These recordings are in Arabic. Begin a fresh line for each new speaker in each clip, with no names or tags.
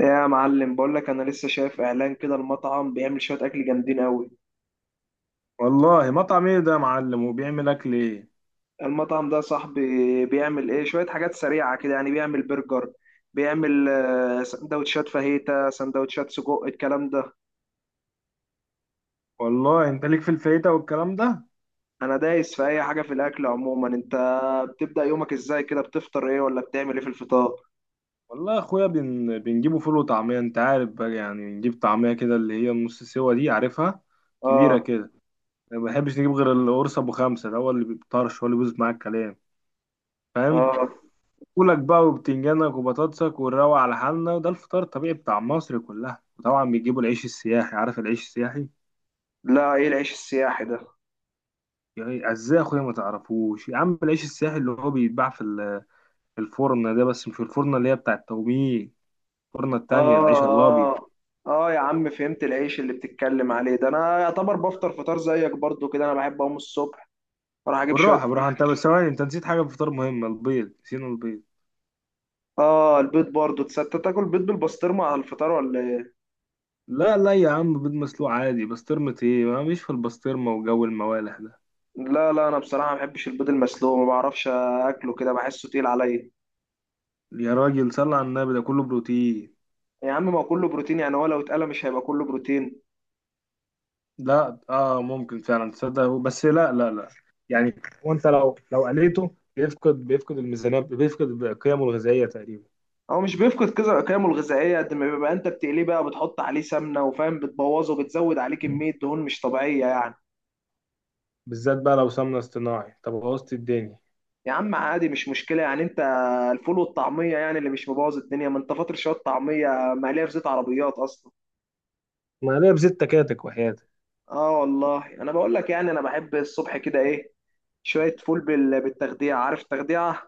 يا معلم، بقول لك انا لسه شايف اعلان كده، المطعم بيعمل شويه اكل جامدين قوي.
والله مطعم ايه ده يا معلم، وبيعمل اكل ايه؟
المطعم ده صاحبي بيعمل ايه، شويه حاجات سريعه كده يعني، بيعمل برجر، بيعمل سندوتشات فاهيتا، سندوتشات سجق، الكلام ده.
والله انت ليك في الفايته والكلام ده.
انا دايس في اي حاجه في الاكل عموما. انت بتبدا يومك ازاي كده، بتفطر ايه ولا بتعمل ايه في الفطار؟
والله يا اخويا، بنجيبه فول وطعميه. انت عارف بقى، يعني بنجيب طعميه كده، اللي هي النص سوا دي، عارفها؟ كبيره
اه،
كده. ما بحبش نجيب غير القرص ابو خمسه، ده هو اللي بيطرش، هو اللي بيبوظ معاك الكلام، فاهم؟
اه.
فولك بقى وبتنجانك وبطاطسك، ونروق على حالنا، وده الفطار الطبيعي بتاع مصر كلها. وطبعا بيجيبوا العيش السياحي، عارف العيش السياحي؟
لا، ايه العيش السياحي ده؟
يعني ازاي يا اخويا ما تعرفوش؟ يا عم العيش السياحي اللي هو بيتباع في الفرن ده، بس مش الفرن اللي هي بتاع التوميه، الفرن التانية، العيش الابيض.
اه، اه. اه يا عم، فهمت العيش اللي بتتكلم عليه ده. انا يعتبر بفطر فطار زيك برضو كده، انا بحب اقوم الصبح اروح اجيب شويه
بالراحة بالراحة،
فول.
انت بس ثواني، انت نسيت حاجة في الفطار مهمة، البيض، نسينا البيض.
اه، البيض برضو. تصدق تاكل بيض بالبسطرمه على الفطار ولا ايه؟
لا لا يا عم، بيض مسلوق عادي، بسطرمة ايه، ما مش في البسطرمة وجو الموالح ده.
لا لا، انا بصراحه ما بحبش البيض المسلوق، ما بعرفش اكله كده، بحسه تقيل عليا.
يا راجل صل على النبي، ده كله بروتين.
يا عم، ما هو كله بروتين يعني، هو لو اتقلى مش هيبقى كله بروتين؟
لا اه ممكن فعلا، تصدق، بس لا لا لا، يعني هو انت لو قليته، بيفقد الميزانية، بيفقد قيمه الغذائية تقريبا.
هو مش بيفقد كذا قيمه الغذائيه قد ما بيبقى انت بتقليه بقى، بتحط عليه سمنه وفاهم، بتبوظه وبتزود عليه كميه دهون مش طبيعيه يعني.
بالذات بقى لو سمنة اصطناعي، طب بوظت الدنيا.
يا عم عادي، مش مشكله يعني. انت الفول والطعميه يعني اللي مش مبوظ الدنيا؟ ما انت فاطر شويه طعميه مقليه في زيت عربيات اصلا.
ما عليها بزيت تكاتك وحياتك.
اه والله، انا بقول لك يعني، انا بحب الصبح كده ايه، شوية فول بالتخديعة. عارف تخديعة؟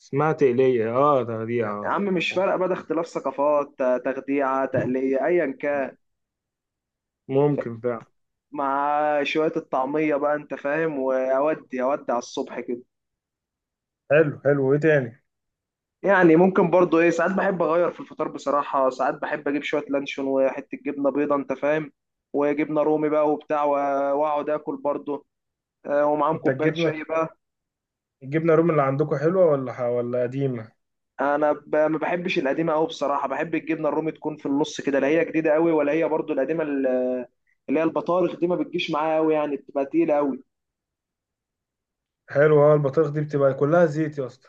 اسمها تقلية، اه، تغذية،
يا
اه.
عم مش فارقة بقى، ده اختلاف ثقافات، تخديعة تقلية أيا كان.
ممكن فعلا.
مع شوية الطعمية بقى أنت فاهم، وأودي أودي على الصبح كده.
حلو حلو، ايه تاني؟
يعني ممكن برضو إيه، ساعات بحب أغير في الفطار بصراحة، ساعات بحب أجيب شوية لانشون وحتة جبنة بيضة أنت فاهم، وجبنة رومي بقى وبتاع وأقعد آكل برضو. ومعاهم
انت
كوباية
الجبنه
شاي بقى.
الجبنه الرومي اللي عندكم حلوه، ولا ولا قديمه؟
انا ما بحبش القديمه قوي بصراحه، بحب الجبنه الرومي تكون في النص كده، لا هي جديده قوي ولا هي برضو القديمه اللي هي البطارخ دي. ما بتجيش معايا قوي يعني، بتبقى تقيله قوي.
حلوه، اه، البطارخ دي بتبقى كلها زيت يا اسطى.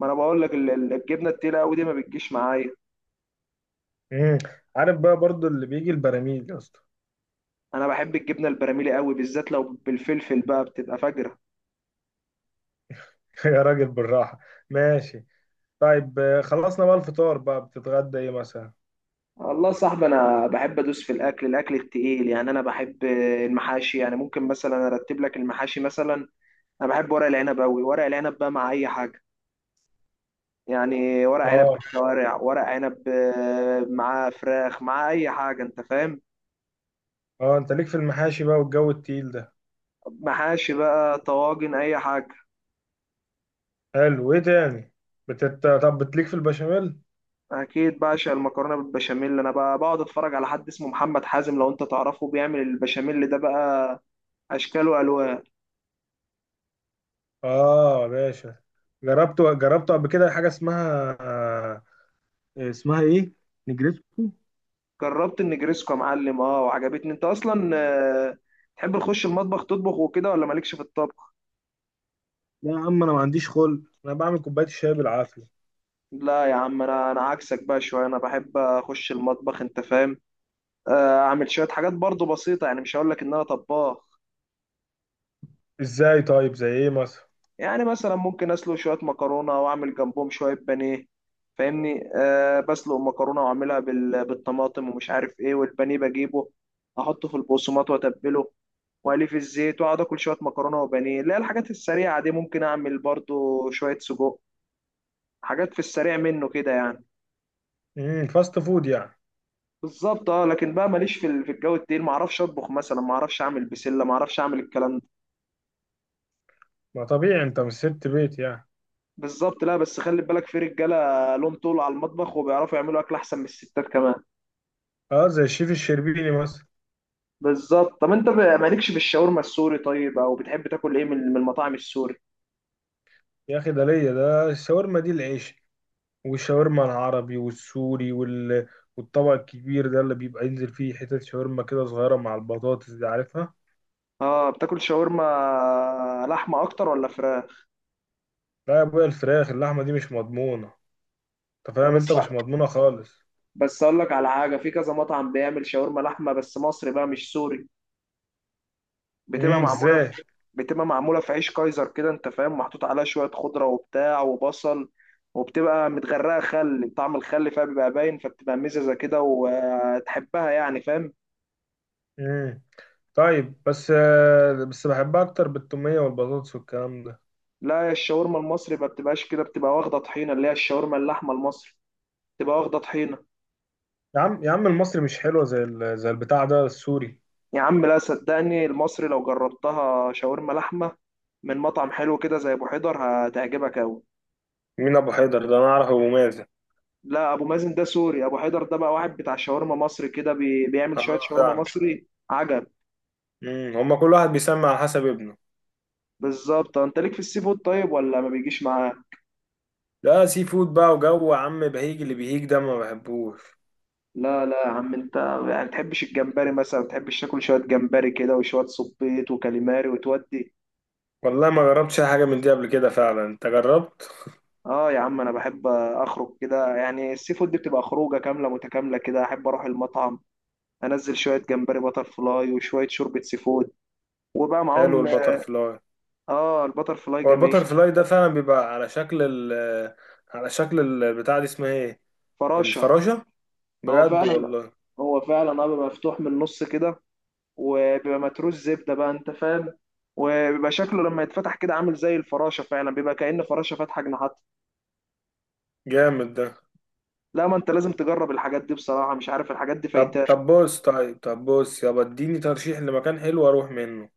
ما انا بقول لك الجبنه التقيله قوي دي ما بتجيش معايا.
امم. عارف بقى برضو اللي بيجي البراميل يا اسطى.
انا بحب الجبنه البراميلي قوي، بالذات لو بالفلفل بقى بتبقى فجره.
يا راجل بالراحه. ماشي. طيب، خلصنا بقى الفطار، بقى بتتغدى ايه مثلا؟
والله يا صاحبي، انا بحب ادوس في الاكل التقيل يعني. انا بحب المحاشي يعني، ممكن مثلا ارتب لك المحاشي مثلا. انا بحب ورق العنب قوي، ورق العنب بقى مع اي حاجه. يعني ورق عنب
اه،
بالشوارع، ورق عنب معاه فراخ، معاه اي حاجه، انت فاهم.
اه، انت ليك في المحاشي بقى والجو التقيل ده.
محاشي بقى، طواجن، اي حاجه.
حلو، ايه تاني؟ طب بتليك في البشاميل؟
اكيد بعشق المكرونه بالبشاميل. انا بقى بقعد اتفرج على حد اسمه محمد حازم، لو انت تعرفه، بيعمل البشاميل ده بقى اشكال والوان.
اه يا باشا. جربت قبل كده حاجه اسمها، اسمها ايه؟ نجريسكو.
جربت النجريسكو يا معلم، اه وعجبتني. انت اصلا تحب تخش المطبخ تطبخ وكده ولا مالكش في الطبخ؟
لا يا عم، انا ما عنديش خلق، انا بعمل كوبايه الشاي بالعافيه.
لا يا عم، انا عكسك بقى شويه، انا بحب اخش المطبخ انت فاهم. اعمل شويه حاجات برضو بسيطه يعني، مش هقول لك ان انا طباخ.
ازاي طيب؟ زي ايه مثلا؟
يعني مثلا ممكن اسلق شويه مكرونه واعمل جنبهم شويه بانيه، فاهمني. بسلق مكرونه واعملها بالطماطم ومش عارف ايه، والبانيه بجيبه احطه في البقسماط واتبله واقليه في الزيت، واقعد اكل شويه مكرونه وبانيه، اللي هي الحاجات السريعه دي. ممكن اعمل برضو شويه سجق، حاجات في السريع منه كده يعني.
فاست فود يعني.
بالظبط اه، لكن بقى ماليش في في الجو التقيل، ما اعرفش اطبخ مثلا، ما اعرفش اعمل بسله، ما اعرفش اعمل الكلام ده.
ما طبيعي، انت مش ست بيت يعني.
بالظبط. لا بس خلي بالك، في رجاله لهم طول على المطبخ وبيعرفوا يعملوا اكل احسن من الستات كمان.
اه، زي الشيف الشربيني مثلا.
بالظبط. طب انت مالكش في الشاورما السوري طيب، او بتحب تاكل ايه من المطاعم السوري؟
يا اخي ده ليا، ده الشاورما دي العيش، والشاورما العربي والسوري والطبق الكبير ده اللي بيبقى ينزل فيه حتت شاورما كده صغيره، مع البطاطس دي، عارفها؟
اه، بتاكل شاورما لحمه اكتر ولا فراخ؟
لا يا ابويا الفراخ، اللحمه دي مش مضمونه، انت
لا
فاهم، انت
بس
مش مضمونة خالص.
بس اقول لك على حاجه، في كذا مطعم بيعمل شاورما لحمه بس مصري بقى مش سوري. بتبقى معموله
ازاي؟
في بتبقى معموله في عيش كايزر كده انت فاهم، محطوط عليها شويه خضره وبتاع وبصل، وبتبقى متغرقه خل، طعم الخل فيها بيبقى باين، فبتبقى مززه كده وتحبها يعني، فاهم.
امم طيب بس بحبها اكتر بالتومية والبطاطس والكلام ده.
لا الشاورما المصري ما بتبقاش كده، بتبقى واخده طحينه، اللي هي الشاورما اللحمه المصري بتبقى واخده طحينه.
يا عم يا عم المصري مش حلوة زي زي البتاع ده السوري.
يا عم لا، صدقني المصري لو جربتها شاورما لحمه من مطعم حلو كده زي ابو حيدر، هتعجبك قوي.
مين ابو حيدر ده؟ انا اعرف ابو مازن.
لا، ابو مازن ده سوري، ابو حيدر ده بقى واحد بتاع شاورما مصري كده بيعمل شويه
اه
شاورما
فعلا.
مصري عجب.
هما كل واحد بيسمي على حسب ابنه.
بالظبط. انت ليك في السي فود طيب، ولا ما بيجيش معاه؟
لا سي فود بقى وجو، يا عم بهيج، اللي بيهيج ده ما بحبوش.
لا لا يا عم انت، يعني تحبش الجمبري مثلا، تحبش تاكل شويه جمبري كده وشويه صبيط وكاليماري وتودي؟
والله ما جربتش اي حاجة من دي قبل كده، فعلا انت جربت؟
اه يا عم، انا بحب اخرج كده يعني، السي فود دي بتبقى خروجه كامله متكامله كده، احب اروح المطعم انزل شويه جمبري بتر فلاي وشويه شوربه سي فود، وبقى
حلو
معاهم.
البتر فلاي.
اه، البتر فلاي
هو
جميل.
البتر فلاي ده فعلا بيبقى على شكل البتاع، دي اسمها ايه؟
فراشه.
الفراشة.
هو
بجد
فعلا
والله.
هو فعلا اه، بيبقى مفتوح من النص كده، وبيبقى متروس زبده بقى انت فاهم، وبيبقى شكله لما يتفتح كده عامل زي الفراشه فعلا، بيبقى كأن فراشه فاتحه جناحات.
جامد ده.
لا، ما انت لازم تجرب الحاجات دي بصراحه، مش عارف الحاجات دي فايتاه.
طب بص يابا، اديني ترشيح لمكان حلو اروح منه.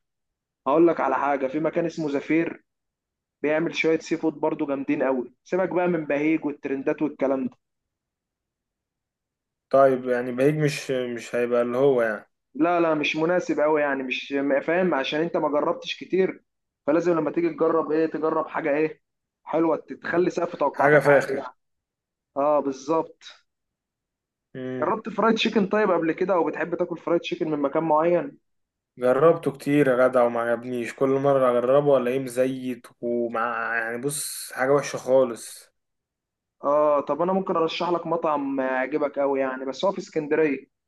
هقول لك على حاجه، في مكان اسمه زفير بيعمل شويه سي فود برضه جامدين قوي، سيبك بقى من بهيج والترندات والكلام ده.
طيب يعني بهيج مش هيبقى اللي هو، يعني
لا لا مش مناسب قوي يعني، مش فاهم، عشان انت ما جربتش كتير، فلازم لما تيجي تجرب ايه تجرب حاجه ايه حلوه، تخلي سقف
حاجة
توقعاتك عالي
فاخر.
يعني. اه بالظبط.
مم.
جربت فرايد تشيكن طيب قبل كده، او بتحب تاكل فرايد تشيكن من مكان معين؟
جربته كتير يا جدع، وما عجبنيش، كل مرة اجربه الاقيه مزيت ومع، يعني بص، حاجة وحشة خالص.
اه، طب انا ممكن ارشح لك مطعم يعجبك قوي يعني، بس هو في اسكندريه.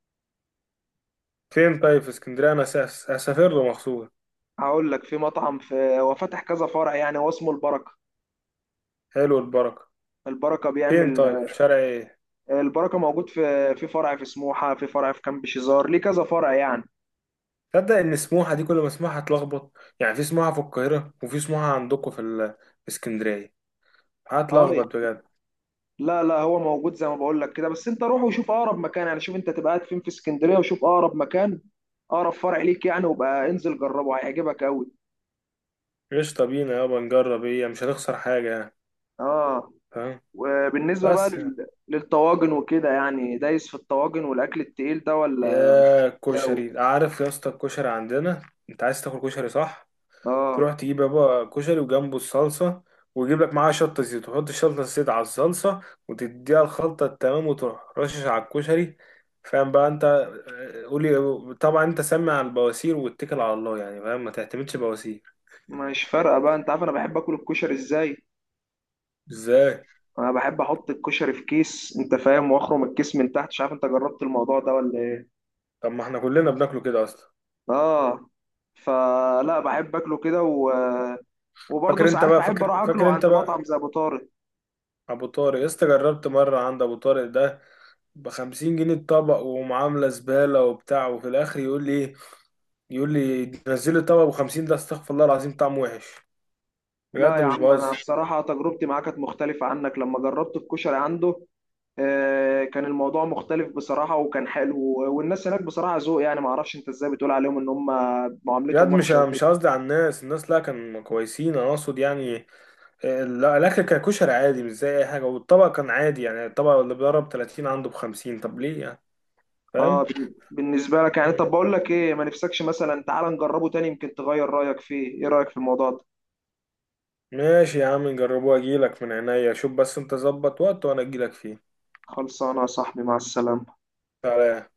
فين طيب؟ في اسكندرية انا اسافر له مخصوص.
هقول لك، في مطعم هو فاتح كذا فرع يعني، هو اسمه البركه.
حلو البركة.
البركه
فين
بيعمل.
طيب؟ في شارع ايه؟
البركه موجود في فرع في سموحه، في فرع في كامب شيزار، ليه كذا فرع يعني.
تصدق ان سموحه دي كل ما اسمعها هتلخبط، يعني في سموحه في القاهره، وفي سموحه عندكم في اسكندريه.
اه يعني.
هتلخبط بجد.
لا لا، هو موجود زي ما بقول لك كده، بس انت روح وشوف اقرب مكان يعني، شوف انت تبقى قاعد فين في اسكندريه وشوف اقرب مكان، اقرب فرع ليك يعني، وبقى انزل جربه هيعجبك قوي.
قشطه، بينا يابا نجرب، ايه مش هنخسر حاجه يعني،
اه.
فاهم؟
وبالنسبة بقى
بس يعني.
للطواجن وكده يعني، دايس في الطواجن والأكل التقيل ده ولا؟
يا
أوي.
كشري عارف يا اسطى الكشري عندنا. انت عايز تاكل كشري، صح؟
اه
تروح تجيب يا بابا كشري، وجنبه الصلصة، ويجيب لك معاها شطة زيت، وتحط الشطة الزيت على الصلصة، وتديها الخلطة التمام، وتروح رشش على الكشري، فاهم بقى انت؟ قولي طبعا، انت سمع على البواسير واتكل على الله يعني، فاهم؟ ما تعتمدش بواسير.
مش فارقة بقى، أنت عارف أنا بحب آكل الكشري إزاي؟
ازاي؟
أنا بحب أحط الكشري في كيس أنت فاهم، وأخرم الكيس من تحت، مش عارف أنت جربت الموضوع ده ولا إيه؟
طب ما احنا كلنا بناكله كده اصلا.
اه. فلا بحب أكله كده وبرضه
فاكر انت
ساعات
بقى،
بحب
فاكر
أروح
فاكر
أكله
انت
عند مطعم
بقى.
زي أبو طارق.
ابو طارق يا اسطى، جربت مرة عند ابو طارق ده، ب50 جنيه الطبق، ومعاملة زبالة وبتاع، وفي الاخر يقول لي ايه؟ يقول لي نزل لي طبق ب 50. ده استغفر الله العظيم، طعمه وحش،
لا
بجد
يا
مش
عم، أنا
بهزر.
بصراحة تجربتي معاه كانت مختلفة عنك، لما جربت الكشري عنده كان الموضوع مختلف بصراحة وكان حلو، والناس هناك بصراحة ذوق يعني، ما اعرفش انت ازاي بتقول عليهم ان هم
بجد،
معاملتهم
مش
وحشة وكده.
مش قصدي على الناس، الناس لا كانوا كويسين، انا اقصد يعني الاكل كان كشري عادي مش زي اي حاجه، والطبق كان عادي، يعني الطبق اللي بيضرب 30 عنده ب 50، طب ليه يعني؟
اه،
فاهم.
بالنسبة لك يعني.
مم.
طب بقول لك ايه، ما نفسكش مثلا تعال نجربه تاني، يمكن تغير رأيك فيه، ايه رأيك في الموضوع ده؟
ماشي يا عم، نجربوه، اجيلك من عينيا، شوف بس انت ظبط وقت وانا اجيلك فيه.
خلصانة يا صاحبي، مع السلامة.
سلام.